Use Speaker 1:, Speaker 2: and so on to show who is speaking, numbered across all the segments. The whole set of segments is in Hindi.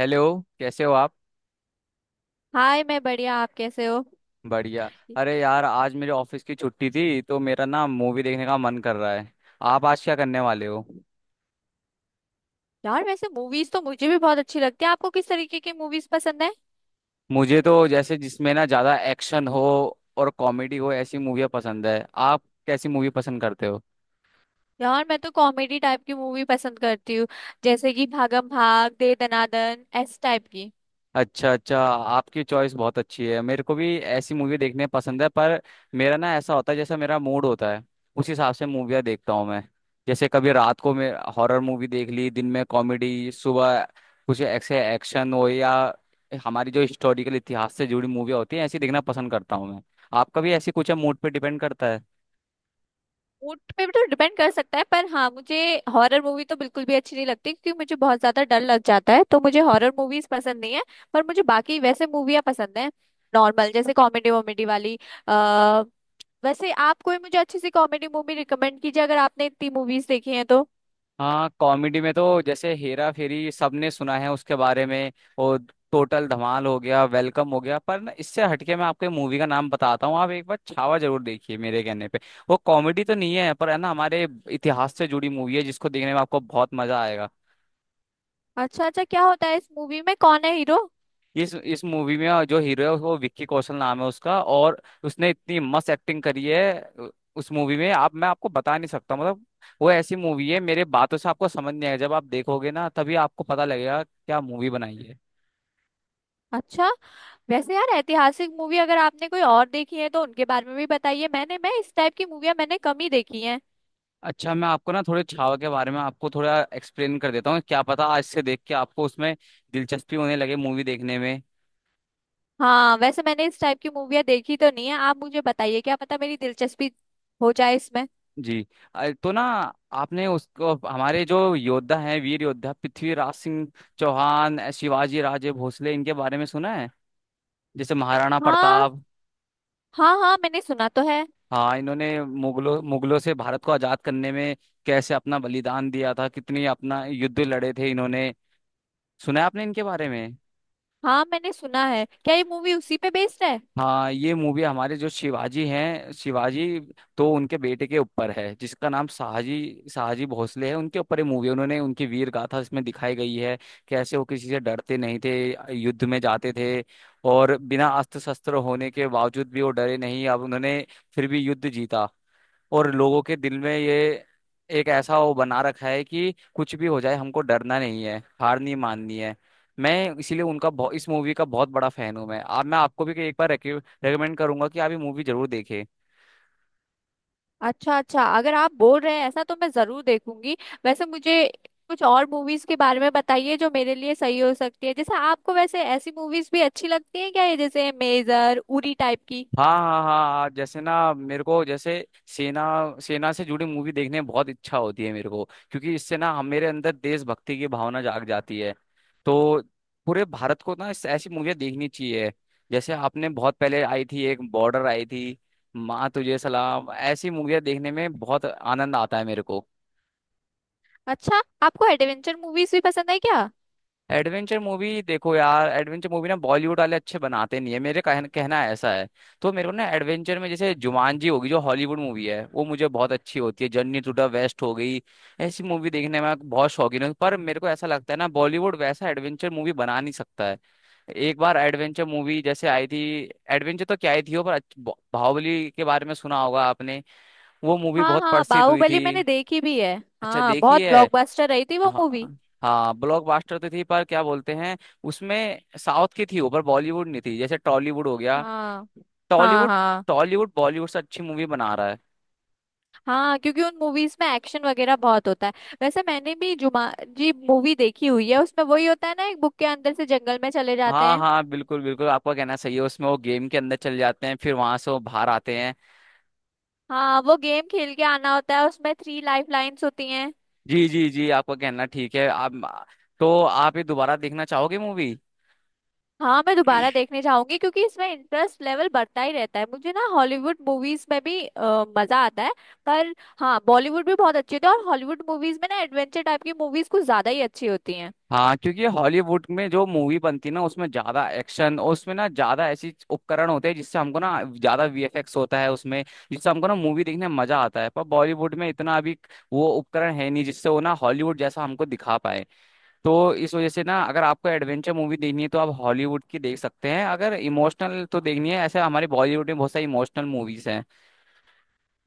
Speaker 1: हेलो। कैसे हो आप?
Speaker 2: हाय। मैं बढ़िया, आप कैसे हो।
Speaker 1: बढ़िया। अरे यार, आज मेरे ऑफिस की छुट्टी थी तो मेरा ना मूवी देखने का मन कर रहा है। आप आज क्या करने वाले हो?
Speaker 2: यार वैसे मूवीज तो मुझे भी बहुत अच्छी लगती है। आपको किस तरीके की मूवीज पसंद है।
Speaker 1: मुझे तो जैसे जिसमें ना ज्यादा एक्शन हो और कॉमेडी हो ऐसी मूवियाँ पसंद है। आप कैसी मूवी पसंद करते हो?
Speaker 2: यार मैं तो कॉमेडी टाइप की मूवी पसंद करती हूँ, जैसे कि भागम भाग, दे दनादन, ऐसे टाइप की।
Speaker 1: अच्छा अच्छा, आपकी चॉइस बहुत अच्छी है, मेरे को भी ऐसी मूवी देखने पसंद है। पर मेरा ना ऐसा होता है जैसा मेरा मूड होता है उस हिसाब से मूवियाँ देखता हूँ मैं। जैसे कभी रात को मैं हॉरर मूवी देख ली, दिन में कॉमेडी, सुबह कुछ ऐसे एक्शन हो, या हमारी जो हिस्टोरिकल इतिहास से जुड़ी मूवियाँ होती हैं ऐसी देखना पसंद करता हूँ मैं। आपका भी ऐसी कुछ है? मूड पे डिपेंड करता है।
Speaker 2: मूड पे भी तो डिपेंड कर सकता है, पर हाँ मुझे हॉरर मूवी तो बिल्कुल भी अच्छी नहीं लगती, क्योंकि मुझे बहुत ज्यादा डर लग जाता है, तो मुझे हॉरर मूवीज पसंद नहीं है। पर मुझे बाकी वैसे मूवियाँ पसंद है, नॉर्मल जैसे कॉमेडी वॉमेडी वाली। आ, वैसे आप कोई मुझे अच्छी सी कॉमेडी मूवी रिकमेंड कीजिए, अगर आपने इतनी मूवीज देखी हैं तो।
Speaker 1: हाँ, कॉमेडी में तो जैसे हेरा फेरी सबने सुना है उसके बारे में, और टोटल धमाल हो गया, वेलकम हो गया। पर ना इससे हटके मैं आपको मूवी का नाम बताता हूँ, आप एक बार छावा जरूर देखिए, मेरे कहने पे। वो कॉमेडी तो नहीं है पर है ना हमारे इतिहास से जुड़ी मूवी है, जिसको देखने में आपको बहुत मजा आएगा।
Speaker 2: अच्छा अच्छा, क्या होता है इस मूवी में, कौन है हीरो।
Speaker 1: इस मूवी में जो हीरो है वो विक्की कौशल नाम है उसका, और उसने इतनी मस्त एक्टिंग करी है उस मूवी में। आप मैं आपको बता नहीं सकता, मतलब वो ऐसी मूवी है मेरे बातों से आपको समझ नहीं आएगा, जब आप देखोगे ना तभी आपको पता लगेगा क्या मूवी बनाई है।
Speaker 2: अच्छा, वैसे यार ऐतिहासिक मूवी अगर आपने कोई और देखी है तो उनके बारे में भी बताइए। मैं इस टाइप की मूवियाँ मैंने कम ही देखी हैं।
Speaker 1: अच्छा, मैं आपको ना थोड़े छावा के बारे में आपको थोड़ा एक्सप्लेन कर देता हूँ, क्या पता आज से देख के आपको उसमें दिलचस्पी होने लगे मूवी देखने में।
Speaker 2: हाँ वैसे मैंने इस टाइप की मूवियाँ देखी तो नहीं है, आप मुझे बताइए क्या पता मेरी दिलचस्पी हो जाए इसमें।
Speaker 1: जी। तो ना आपने उसको हमारे जो योद्धा हैं, वीर योद्धा पृथ्वीराज सिंह चौहान, शिवाजी राजे भोसले, इनके बारे में सुना है? जैसे महाराणा
Speaker 2: हाँ
Speaker 1: प्रताप।
Speaker 2: हाँ हाँ मैंने सुना तो है।
Speaker 1: हाँ, इन्होंने मुगलों मुगलों से भारत को आजाद करने में कैसे अपना बलिदान दिया था, कितनी अपना युद्ध लड़े थे इन्होंने। सुना है आपने इनके बारे में?
Speaker 2: हाँ मैंने सुना है, क्या ये मूवी उसी पे बेस्ड है।
Speaker 1: हाँ, ये मूवी हमारे जो शिवाजी हैं, शिवाजी तो उनके बेटे के ऊपर है, जिसका नाम शाहजी शाहजी भोसले है, उनके ऊपर ये मूवी है। उन्होंने उनकी वीर गाथा इसमें दिखाई गई है, कैसे वो किसी से डरते नहीं थे, युद्ध में जाते थे, और बिना अस्त्र शस्त्र होने के बावजूद भी वो डरे नहीं। अब उन्होंने फिर भी युद्ध जीता, और लोगों के दिल में ये एक ऐसा वो बना रखा है कि कुछ भी हो जाए हमको डरना नहीं है, हार नहीं माननी है। मैं इसीलिए उनका इस मूवी का बहुत बड़ा फैन हूं। मैं आपको भी एक बार रेकमेंड करूंगा कि आप ये मूवी जरूर देखें।
Speaker 2: अच्छा अच्छा, अगर आप बोल रहे हैं ऐसा तो मैं जरूर देखूंगी। वैसे मुझे कुछ और मूवीज के बारे में बताइए जो मेरे लिए सही हो सकती है। जैसे आपको, वैसे ऐसी मूवीज भी अच्छी लगती है क्या, ये जैसे मेजर, उरी टाइप की।
Speaker 1: हाँ, हाँ, हाँ, हाँ, जैसे ना मेरे को, जैसे सेना सेना से जुड़ी मूवी देखने में बहुत इच्छा होती है मेरे को, क्योंकि इससे ना हम मेरे अंदर देशभक्ति की भावना जाग जाती है। तो पूरे भारत को ना इस ऐसी मूवियाँ देखनी चाहिए, जैसे आपने बहुत पहले आई थी एक बॉर्डर आई थी, माँ तुझे सलाम, ऐसी मूवियाँ देखने में बहुत आनंद आता है मेरे को।
Speaker 2: अच्छा, आपको एडवेंचर मूवीज भी पसंद है क्या।
Speaker 1: Adventure movie? देखो यार, एडवेंचर मूवी ना बॉलीवुड वाले अच्छे बनाते नहीं है, मेरे कहना ऐसा है। तो मेरे को ना एडवेंचर में जैसे जुमानजी होगी, जो हॉलीवुड मूवी है, वो मुझे बहुत अच्छी होती है। जर्नी टू द वेस्ट हो गई, ऐसी मूवी देखने में मैं बहुत शौकीन हूँ। पर मेरे को ऐसा लगता है ना बॉलीवुड वैसा एडवेंचर मूवी बना नहीं सकता है। एक बार एडवेंचर मूवी जैसे आई थी, एडवेंचर तो क्या आई थी वो, पर बाहुबली के बारे में सुना होगा आपने। वो मूवी
Speaker 2: हाँ
Speaker 1: बहुत
Speaker 2: हाँ,
Speaker 1: प्रसिद्ध हुई
Speaker 2: बाहुबली मैंने
Speaker 1: थी।
Speaker 2: देखी भी है।
Speaker 1: अच्छा,
Speaker 2: हाँ,
Speaker 1: देखी
Speaker 2: बहुत
Speaker 1: है।
Speaker 2: ब्लॉकबस्टर रही थी वो
Speaker 1: हाँ,
Speaker 2: मूवी।
Speaker 1: हाँ, ब्लॉकबस्टर तो थी, पर क्या बोलते हैं उसमें साउथ की थी, ऊपर बॉलीवुड नहीं थी, जैसे टॉलीवुड हो गया।
Speaker 2: हाँ हाँ
Speaker 1: टॉलीवुड।
Speaker 2: हाँ
Speaker 1: टॉलीवुड बॉलीवुड से अच्छी मूवी बना रहा है।
Speaker 2: हाँ क्योंकि उन मूवीज में एक्शन वगैरह बहुत होता है। वैसे मैंने भी जुमा जी मूवी देखी हुई है, उसमें वही होता है ना, एक बुक के अंदर से जंगल में चले जाते
Speaker 1: हाँ
Speaker 2: हैं।
Speaker 1: हाँ, बिल्कुल बिल्कुल, आपका कहना सही है, उसमें वो गेम के अंदर चले जाते हैं, फिर वहां से वो बाहर आते हैं।
Speaker 2: हाँ, वो गेम खेल के आना होता है, उसमें थ्री लाइफ लाइंस होती हैं।
Speaker 1: जी जी जी, आपका कहना ठीक है आप। तो आप ये दोबारा देखना चाहोगे मूवी?
Speaker 2: हाँ मैं दोबारा देखने जाऊंगी, क्योंकि इसमें इंटरेस्ट लेवल बढ़ता ही रहता है। मुझे ना हॉलीवुड मूवीज में भी मजा आता है। पर हाँ, बॉलीवुड भी बहुत अच्छी होती है, और हॉलीवुड मूवीज में ना एडवेंचर टाइप की मूवीज कुछ ज्यादा ही अच्छी होती हैं।
Speaker 1: हाँ, क्योंकि हॉलीवुड में जो मूवी बनती है ना उसमें ज्यादा एक्शन, और उसमें ना ज्यादा ऐसी उपकरण होते हैं जिससे हमको ना ज्यादा वीएफएक्स होता है उसमें, जिससे हमको ना मूवी देखने में मजा आता है। पर बॉलीवुड में इतना अभी वो उपकरण है नहीं जिससे वो ना हॉलीवुड जैसा हमको दिखा पाए। तो इस वजह से ना अगर आपको एडवेंचर मूवी देखनी है तो आप हॉलीवुड की देख सकते हैं, अगर इमोशनल तो देखनी है ऐसे हमारे बॉलीवुड में बहुत सारी इमोशनल मूवीज हैं।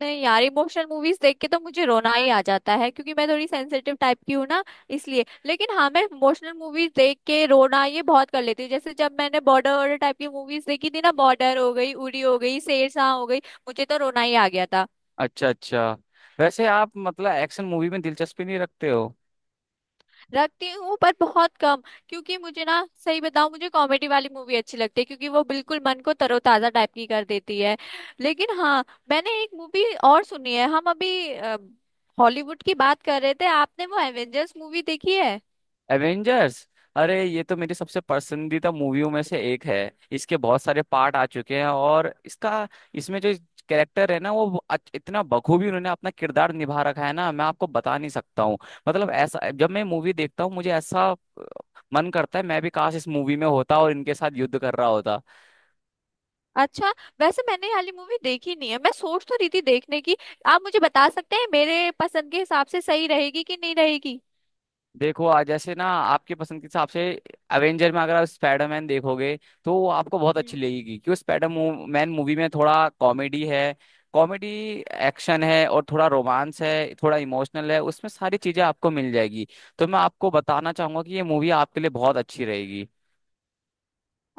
Speaker 2: नहीं यार, इमोशनल मूवीज देख के तो मुझे रोना ही आ जाता है, क्योंकि मैं थोड़ी सेंसिटिव टाइप की हूँ ना, इसलिए। लेकिन हाँ, मैं इमोशनल मूवीज देख के रोना ये बहुत कर लेती हूँ। जैसे जब मैंने बॉर्डर वॉर्डर टाइप की मूवीज देखी थी ना, बॉर्डर हो गई, उरी हो गई, शेरशाह हो गई, मुझे तो रोना ही आ गया था।
Speaker 1: अच्छा अच्छा, वैसे आप मतलब एक्शन मूवी में दिलचस्पी नहीं रखते हो?
Speaker 2: रखती हूँ पर बहुत कम, क्योंकि मुझे ना, सही बताऊँ, मुझे कॉमेडी वाली मूवी अच्छी लगती है, क्योंकि वो बिल्कुल मन को तरोताजा टाइप की कर देती है। लेकिन हाँ, मैंने एक मूवी और सुनी है। हम अभी हॉलीवुड की बात कर रहे थे, आपने वो एवेंजर्स मूवी देखी है।
Speaker 1: एवेंजर्स? अरे, ये तो मेरी सबसे पसंदीदा मूवियों में से एक है। इसके बहुत सारे पार्ट आ चुके हैं, और इसका इसमें जो कैरेक्टर है ना, वो इतना बखूबी उन्होंने अपना किरदार निभा रखा है ना, मैं आपको बता नहीं सकता हूँ। मतलब ऐसा जब मैं मूवी देखता हूँ मुझे ऐसा अ, मन करता है मैं भी काश इस मूवी में होता और इनके साथ युद्ध कर रहा होता।
Speaker 2: अच्छा, वैसे मैंने ये वाली मूवी देखी नहीं है, मैं सोच तो रही थी देखने की। आप मुझे बता सकते हैं, मेरे पसंद के हिसाब से सही रहेगी कि नहीं रहेगी।
Speaker 1: देखो, आज जैसे ना आपके पसंद के हिसाब से एवेंजर में अगर आप स्पाइडरमैन देखोगे तो वो आपको बहुत अच्छी लगेगी, क्योंकि स्पाइडर मैन मूवी में थोड़ा कॉमेडी है, कॉमेडी, एक्शन है, और थोड़ा रोमांस है, थोड़ा इमोशनल है, उसमें सारी चीजें आपको मिल जाएगी। तो मैं आपको बताना चाहूंगा कि ये मूवी आपके लिए बहुत अच्छी रहेगी।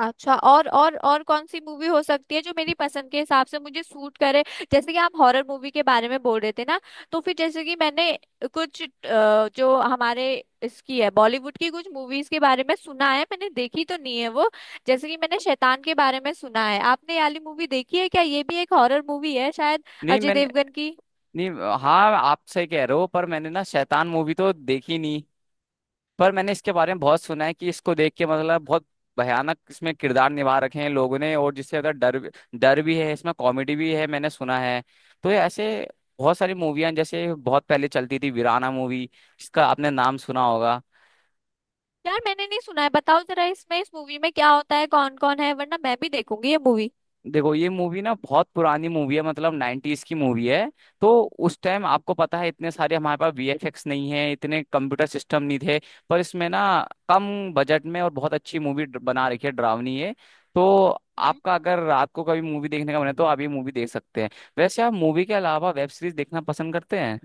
Speaker 2: अच्छा, और कौन सी मूवी हो सकती है जो मेरी पसंद के हिसाब से मुझे सूट करे। जैसे कि आप हॉरर मूवी के बारे में बोल रहे थे ना, तो फिर जैसे कि मैंने कुछ, जो हमारे इसकी है, बॉलीवुड की कुछ मूवीज के बारे में सुना है, मैंने देखी तो नहीं है वो। जैसे कि मैंने शैतान के बारे में सुना है, आपने ये वाली मूवी देखी है क्या, ये भी एक हॉरर मूवी है शायद,
Speaker 1: नहीं,
Speaker 2: अजय
Speaker 1: मैंने
Speaker 2: देवगन की।
Speaker 1: नहीं। हाँ, आप सही कह रहे हो, पर मैंने ना शैतान मूवी तो देखी नहीं, पर मैंने इसके बारे में बहुत सुना है कि इसको देख के, मतलब बहुत भयानक इसमें किरदार निभा रखे हैं लोगों ने, और जिससे अगर डर भी है इसमें, कॉमेडी भी है, मैंने सुना है। तो ये ऐसे बहुत सारी मूवियां, जैसे बहुत पहले चलती थी वीराना मूवी, जिसका आपने नाम सुना होगा।
Speaker 2: यार मैंने नहीं सुना है, बताओ जरा इसमें, इस मूवी में क्या होता है, कौन कौन है, वरना मैं भी देखूंगी ये मूवी।
Speaker 1: देखो, ये मूवी ना बहुत पुरानी मूवी है, मतलब 90s की मूवी है। तो उस टाइम आपको पता है, इतने सारे हमारे पास वीएफएक्स नहीं है, इतने कंप्यूटर सिस्टम नहीं थे। पर इसमें ना कम बजट में और बहुत अच्छी मूवी बना रखी है, डरावनी है। तो आपका अगर रात को कभी मूवी देखने का मन है तो आप ये मूवी देख सकते हैं। वैसे आप मूवी के अलावा वेब सीरीज देखना पसंद करते हैं?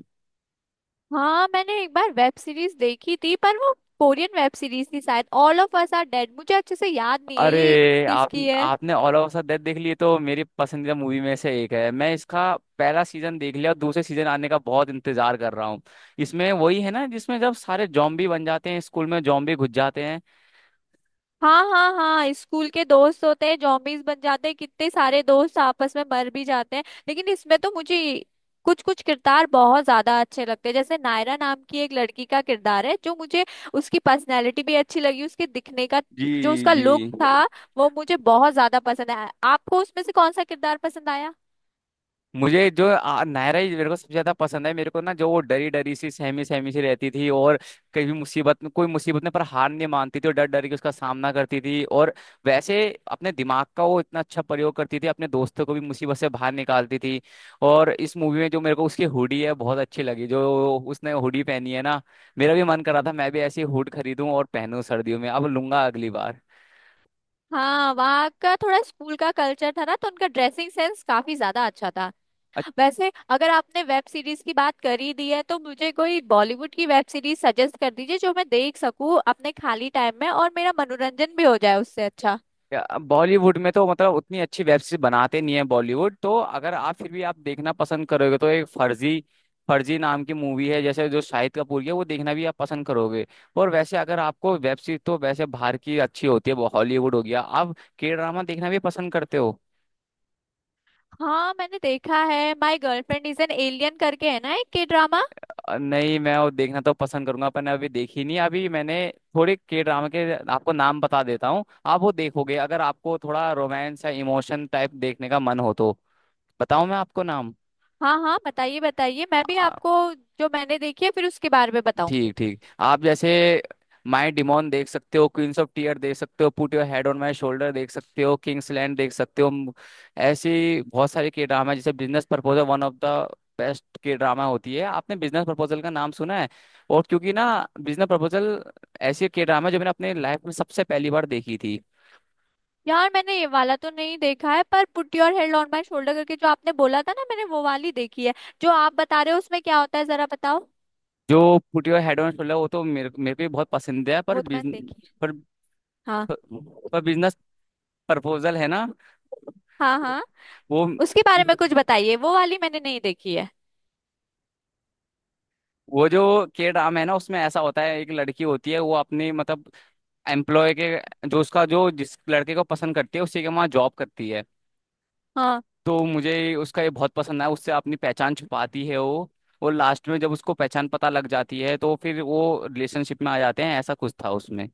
Speaker 2: हाँ मैंने एक बार वेब सीरीज देखी थी, पर वो कोरियन वेब सीरीज थी शायद, all of us are dead, मुझे अच्छे से याद नहीं है ये।
Speaker 1: अरे, आप
Speaker 2: किसकी है।
Speaker 1: आपने ऑल ऑफ अस डेथ देख ली, तो मेरी पसंदीदा मूवी में से एक है। मैं इसका पहला सीजन देख लिया और दूसरे सीजन आने का बहुत इंतजार कर रहा हूँ। इसमें वही है ना जिसमें जब सारे जॉम्बी बन जाते हैं, स्कूल में जॉम्बी घुस जाते हैं।
Speaker 2: हाँ हाँ हाँ, स्कूल के दोस्त होते हैं, जॉम्बीज बन जाते हैं, कितने सारे दोस्त आपस में मर भी जाते हैं। लेकिन इसमें तो मुझे कुछ कुछ किरदार बहुत ज्यादा अच्छे लगते हैं, जैसे नायरा नाम की एक लड़की का किरदार है, जो मुझे, उसकी पर्सनैलिटी भी अच्छी लगी, उसके दिखने का,
Speaker 1: जी
Speaker 2: जो उसका
Speaker 1: जी।
Speaker 2: लुक था, वो मुझे बहुत ज्यादा पसंद आया। आपको उसमें से कौन सा किरदार पसंद आया।
Speaker 1: मुझे जो नायरा ही मेरे को सबसे ज्यादा पसंद है। मेरे को ना जो वो डरी डरी सी सहमी सहमी सी रहती थी, और कभी मुसीबत में, कोई मुसीबत में, पर हार नहीं मानती थी और डर डर के उसका सामना करती थी, और वैसे अपने दिमाग का वो इतना अच्छा प्रयोग करती थी, अपने दोस्तों को भी मुसीबत से बाहर निकालती थी। और इस मूवी में जो मेरे को उसकी हुडी है बहुत अच्छी लगी, जो उसने हुडी पहनी है ना, मेरा भी मन करा था मैं भी ऐसी हुड खरीदूं और पहनूं सर्दियों में, अब लूंगा अगली बार।
Speaker 2: हाँ वहाँ का थोड़ा स्कूल का कल्चर था ना, तो उनका ड्रेसिंग सेंस काफी ज्यादा अच्छा था। वैसे अगर आपने वेब सीरीज की बात कर ही दी है, तो मुझे कोई बॉलीवुड की वेब सीरीज सजेस्ट कर दीजिए, जो मैं देख सकूँ अपने खाली टाइम में, और मेरा मनोरंजन भी हो जाए उससे अच्छा।
Speaker 1: बॉलीवुड में तो मतलब उतनी अच्छी वेब सीरीज बनाते नहीं है बॉलीवुड तो। अगर आप फिर भी आप देखना पसंद करोगे तो एक फर्जी फर्जी नाम की मूवी है, जैसे जो शाहिद कपूर की है, वो देखना भी आप पसंद करोगे। और वैसे अगर आपको वेब सीरीज, तो वैसे बाहर की अच्छी होती है, वो हॉलीवुड हो गया। आप के ड्रामा देखना भी पसंद करते हो?
Speaker 2: हाँ मैंने देखा है, my girlfriend is an alien करके है ना, एक के ड्रामा।
Speaker 1: नहीं, मैं वो देखना तो पसंद करूंगा पर अभी देखी नहीं, अभी मैंने। थोड़े के ड्रामा के आपको नाम बता देता हूँ, आप वो देखोगे अगर आपको थोड़ा रोमांस या इमोशन टाइप देखने का मन हो तो। बताऊं मैं आपको नाम?
Speaker 2: हाँ हाँ, बताइए बताइए, मैं भी आपको जो मैंने देखी है फिर उसके बारे में
Speaker 1: ठीक
Speaker 2: बताऊंगी।
Speaker 1: ठीक, आप जैसे माई डिमोन देख सकते हो, क्वींस ऑफ टीयर देख सकते हो, put your head on my shoulder देख सकते हो, किंग्स लैंड देख सकते हो, ऐसी बहुत सारे के ड्रामा है, जैसे business proposal one of the best K drama होती है। आपने बिजनेस प्रपोजल का नाम सुना है? और क्योंकि ना बिजनेस प्रपोजल ऐसी के ड्रामा जो मैंने अपने लाइफ में सबसे पहली बार देखी थी।
Speaker 2: यार मैंने ये वाला तो नहीं देखा है, पर put your head on my shoulder करके जो आपने बोला था ना, मैंने वो वाली देखी है। जो आप बता रहे हो उसमें क्या होता है, जरा बताओ।
Speaker 1: जो put your head on shoulder वो तो मेरे मेरे को भी बहुत पसंद है, पर
Speaker 2: वो तो मैंने देखी है।
Speaker 1: पर,
Speaker 2: हाँ
Speaker 1: पर, पर बिजनेस प्रपोजल है ना।
Speaker 2: हाँ हाँ।
Speaker 1: वो,
Speaker 2: उसके बारे में कुछ बताइए, वो वाली मैंने नहीं देखी है।
Speaker 1: जो के ड्राम है ना, उसमें ऐसा होता है एक लड़की होती है, वो अपने मतलब एम्प्लॉय के जो उसका जो जिस लड़के को पसंद करती है उसी के वहाँ जॉब करती है।
Speaker 2: हाँ।
Speaker 1: तो मुझे उसका ये बहुत पसंद आया, उससे अपनी पहचान छुपाती है वो। और लास्ट में जब उसको पहचान पता लग जाती है तो फिर वो रिलेशनशिप में आ जाते हैं, ऐसा कुछ था उसमें।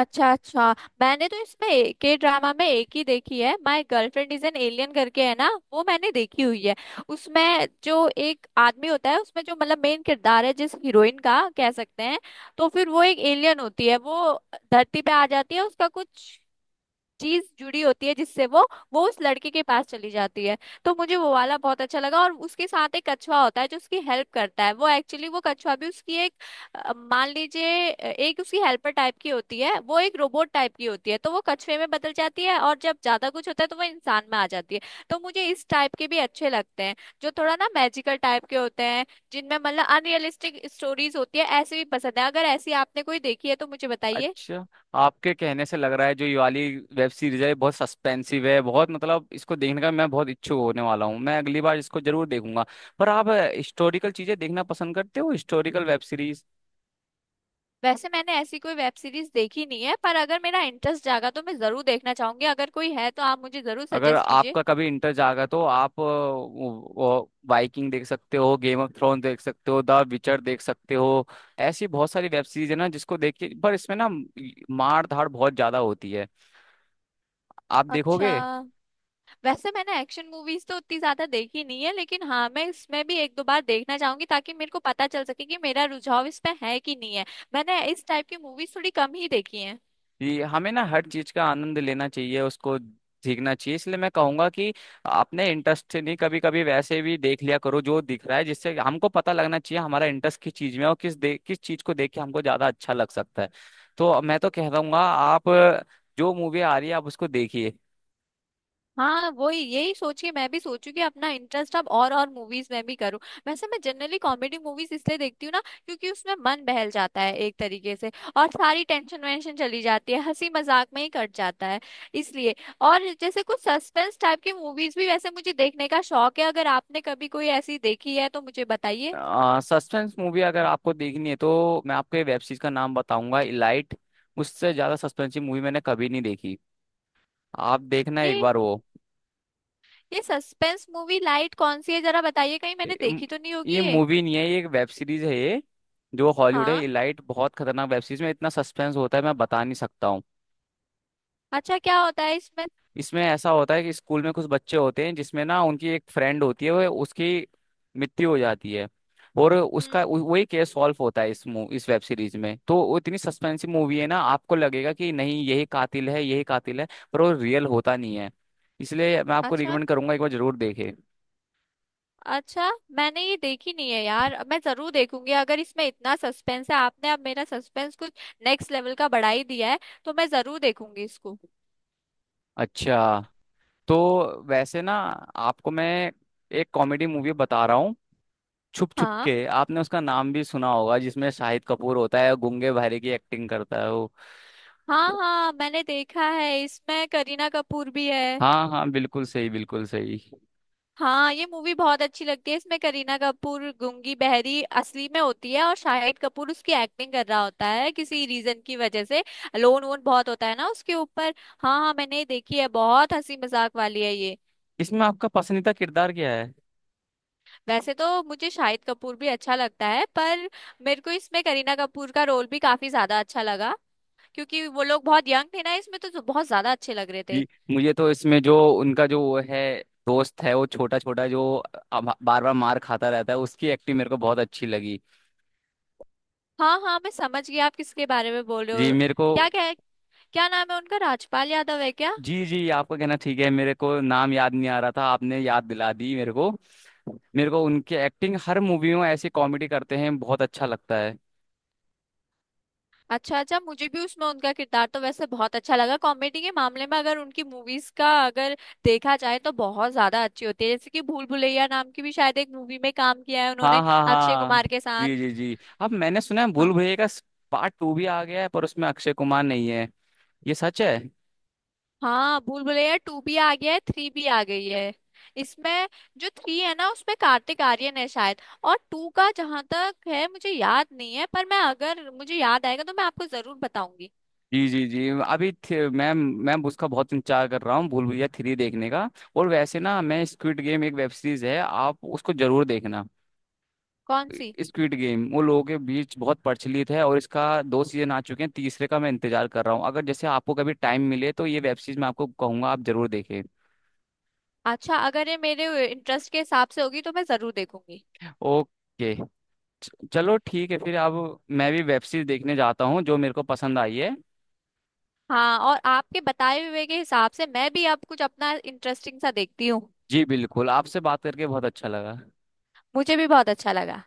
Speaker 2: अच्छा अच्छा, मैंने तो इसमें के ड्रामा में एक ही देखी है, my girlfriend is an alien करके है ना, वो मैंने देखी हुई है। उसमें जो एक आदमी होता है, उसमें जो मतलब मेन किरदार है, जिस हीरोइन का कह सकते हैं, तो फिर वो एक एलियन होती है। वो धरती पे आ जाती है, उसका कुछ चीज जुड़ी होती है, जिससे वो उस लड़के के पास चली जाती है। तो मुझे वो वाला बहुत अच्छा लगा। और उसके साथ एक कछुआ होता है जो उसकी हेल्प करता है। वो एक्चुअली वो कछुआ भी उसकी एक, मान लीजिए, एक उसकी हेल्पर टाइप की होती है, वो एक रोबोट टाइप की होती है, तो वो कछुए में बदल जाती है, और जब ज्यादा कुछ होता है तो वो इंसान में आ जाती है। तो मुझे इस टाइप के भी अच्छे लगते हैं, जो थोड़ा ना मैजिकल टाइप के होते हैं, जिनमें मतलब अनरियलिस्टिक स्टोरीज होती है, ऐसे भी पसंद है। अगर ऐसी आपने कोई देखी है तो मुझे बताइए।
Speaker 1: अच्छा, आपके कहने से लग रहा है जो ये वाली वेब सीरीज है ये बहुत सस्पेंसिव है, बहुत, मतलब इसको देखने का मैं बहुत इच्छुक होने वाला हूँ, मैं अगली बार इसको जरूर देखूंगा। पर आप हिस्टोरिकल चीजें देखना पसंद करते हो? Historical web series?
Speaker 2: वैसे मैंने ऐसी कोई वेब सीरीज देखी नहीं है, पर अगर मेरा इंटरेस्ट जागा तो मैं जरूर देखना चाहूंगी। अगर कोई है तो आप मुझे जरूर
Speaker 1: अगर
Speaker 2: सजेस्ट कीजिए।
Speaker 1: आपका कभी इंटर जागा तो आप वाइकिंग देख सकते हो, गेम ऑफ थ्रोन देख सकते हो, द विचर देख सकते हो। ऐसी बहुत सारी वेब सीरीज है ना जिसको देख के, पर इसमें ना मार धाड़ बहुत ज्यादा होती है, आप
Speaker 2: अच्छा,
Speaker 1: देखोगे।
Speaker 2: वैसे मैंने एक्शन मूवीज तो उतनी ज्यादा देखी नहीं है, लेकिन हाँ मैं इसमें भी एक दो बार देखना चाहूंगी, ताकि मेरे को पता चल सके कि मेरा रुझाव इस पे है कि नहीं है। मैंने इस टाइप की मूवीज थोड़ी कम ही देखी है।
Speaker 1: जी, हमें ना हर चीज का आनंद लेना चाहिए, उसको सीखना चाहिए। इसलिए मैं कहूंगा कि अपने इंटरेस्ट से नहीं कभी कभी वैसे भी देख लिया करो जो दिख रहा है, जिससे हमको पता लगना चाहिए हमारा इंटरेस्ट किस चीज में है, और किस किस चीज को देख के हमको ज्यादा अच्छा लग सकता है। तो मैं तो कह दूंगा आप जो मूवी आ रही है आप उसको देखिए।
Speaker 2: हाँ वही, यही सोचिए, मैं भी सोचू कि अपना इंटरेस्ट अब और मूवीज में भी करूँ। वैसे मैं जनरली कॉमेडी मूवीज इसलिए देखती हूँ ना, क्योंकि उसमें मन बहल जाता है एक तरीके से, और सारी टेंशन वेंशन चली जाती है, हंसी मजाक में ही कट जाता है इसलिए। और जैसे कुछ सस्पेंस टाइप की मूवीज भी वैसे मुझे देखने का शौक है, अगर आपने कभी कोई ऐसी देखी है तो मुझे बताइए।
Speaker 1: सस्पेंस मूवी अगर आपको देखनी है तो मैं आपको वेब सीरीज का नाम बताऊंगा, इलाइट। उससे ज्यादा सस्पेंस की मूवी मैंने कभी नहीं देखी। आप देखना एक
Speaker 2: ये
Speaker 1: बार वो।
Speaker 2: ये सस्पेंस मूवी लाइट कौन सी है, जरा बताइए, कहीं मैंने देखी तो नहीं होगी
Speaker 1: ये
Speaker 2: ये।
Speaker 1: मूवी नहीं है, ये एक वेब सीरीज है ये। जो हॉलीवुड है
Speaker 2: हाँ।
Speaker 1: इलाइट, बहुत खतरनाक वेब सीरीज, में इतना सस्पेंस होता है मैं बता नहीं सकता हूँ।
Speaker 2: अच्छा, क्या होता है इसमें।
Speaker 1: इसमें ऐसा होता है कि स्कूल में कुछ बच्चे होते हैं, जिसमें ना उनकी एक फ्रेंड होती है, वो उसकी मृत्यु हो जाती है। और
Speaker 2: हम्म।
Speaker 1: वही केस सॉल्व होता है इस वेब सीरीज में। तो वो इतनी सस्पेंसिव मूवी है ना, आपको लगेगा कि नहीं यही कातिल है, यही कातिल है, पर वो रियल होता नहीं है। इसलिए मैं आपको
Speaker 2: अच्छा
Speaker 1: रिकमेंड करूंगा एक बार जरूर देखें।
Speaker 2: अच्छा, मैंने ये देखी नहीं है यार, मैं जरूर देखूंगी। अगर इसमें इतना सस्पेंस है, आपने अब मेरा सस्पेंस कुछ नेक्स्ट लेवल का बढ़ा ही दिया है, तो मैं जरूर देखूंगी इसको।
Speaker 1: अच्छा, तो वैसे ना आपको मैं एक कॉमेडी मूवी बता रहा हूँ, छुप छुप
Speaker 2: हाँ
Speaker 1: के, आपने उसका नाम भी सुना होगा, जिसमें शाहिद कपूर होता है गूंगे बहरे की एक्टिंग करता है वो।
Speaker 2: हाँ हाँ, मैंने देखा है, इसमें करीना कपूर भी है।
Speaker 1: हाँ हाँ, बिल्कुल सही, बिल्कुल सही।
Speaker 2: हाँ ये मूवी बहुत अच्छी लगती है, इसमें करीना कपूर गूंगी बहरी असली में होती है, और शाहिद कपूर उसकी एक्टिंग कर रहा होता है किसी रीजन की वजह से। लोन वोन बहुत होता है ना उसके ऊपर। हाँ हाँ मैंने ये देखी है, बहुत हंसी मजाक वाली है ये।
Speaker 1: इसमें आपका पसंदीदा किरदार क्या है?
Speaker 2: वैसे तो मुझे शाहिद कपूर भी अच्छा लगता है, पर मेरे को इसमें करीना कपूर का रोल भी काफी ज्यादा अच्छा लगा, क्योंकि वो लोग बहुत यंग थे ना इसमें, तो बहुत ज्यादा अच्छे लग रहे थे।
Speaker 1: जी, मुझे तो इसमें जो उनका, जो वो है दोस्त है वो, छोटा छोटा जो बार बार मार खाता रहता है, उसकी एक्टिंग मेरे को बहुत अच्छी लगी।
Speaker 2: हाँ हाँ, मैं समझ गई आप किसके बारे में बोल रहे
Speaker 1: जी,
Speaker 2: हो।
Speaker 1: मेरे को।
Speaker 2: क्या क्या क्या नाम है उनका, राजपाल यादव है क्या।
Speaker 1: जी जी, आपका कहना ठीक है, मेरे को नाम याद नहीं आ रहा था, आपने याद दिला दी मेरे को। मेरे को उनकी एक्टिंग हर मूवी में ऐसी कॉमेडी करते हैं बहुत अच्छा लगता है।
Speaker 2: अच्छा अच्छा, मुझे भी उसमें उनका किरदार तो वैसे बहुत अच्छा लगा। कॉमेडी के मामले में अगर उनकी मूवीज का अगर देखा जाए तो बहुत ज्यादा अच्छी होती है, जैसे कि भूल भुलैया नाम की भी शायद एक मूवी में काम किया है
Speaker 1: हाँ
Speaker 2: उन्होंने
Speaker 1: हाँ
Speaker 2: अक्षय
Speaker 1: हाँ।
Speaker 2: कुमार के साथ।
Speaker 1: जी जी जी, अब मैंने सुना है भूल
Speaker 2: हाँ
Speaker 1: भुलैया का पार्ट 2 भी आ गया है, पर उसमें अक्षय कुमार नहीं है, ये सच है।
Speaker 2: हाँ, भूल भुलैया टू भी आ गया है, थ्री भी आ गई है। इसमें जो थ्री है ना उसमें कार्तिक आर्यन है शायद, और टू का जहां तक है मुझे याद नहीं है, पर मैं, अगर मुझे याद आएगा तो मैं आपको जरूर बताऊंगी।
Speaker 1: जी जी जी, अभी थे- मैं उसका बहुत इंतजार कर रहा हूँ, भूल भुलैया 3 देखने का। और वैसे ना, मैं स्क्विड गेम, एक वेब सीरीज है, आप उसको जरूर देखना।
Speaker 2: कौन सी।
Speaker 1: स्क्विड गेम वो लोगों के बीच बहुत प्रचलित है, और इसका 2 सीजन आ चुके हैं, तीसरे का मैं इंतजार कर रहा हूँ। अगर जैसे आपको कभी टाइम मिले तो ये वेब सीरीज मैं आपको कहूंगा आप जरूर देखें।
Speaker 2: अच्छा, अगर ये मेरे इंटरेस्ट के हिसाब से होगी तो मैं जरूर देखूंगी।
Speaker 1: ओके। चलो ठीक है फिर, अब मैं भी वेब सीरीज देखने जाता हूँ जो मेरे को पसंद आई है।
Speaker 2: हाँ, और आपके बताए हुए के हिसाब से मैं भी अब कुछ अपना इंटरेस्टिंग सा देखती हूँ।
Speaker 1: जी बिल्कुल, आपसे बात करके बहुत अच्छा लगा।
Speaker 2: मुझे भी बहुत अच्छा लगा।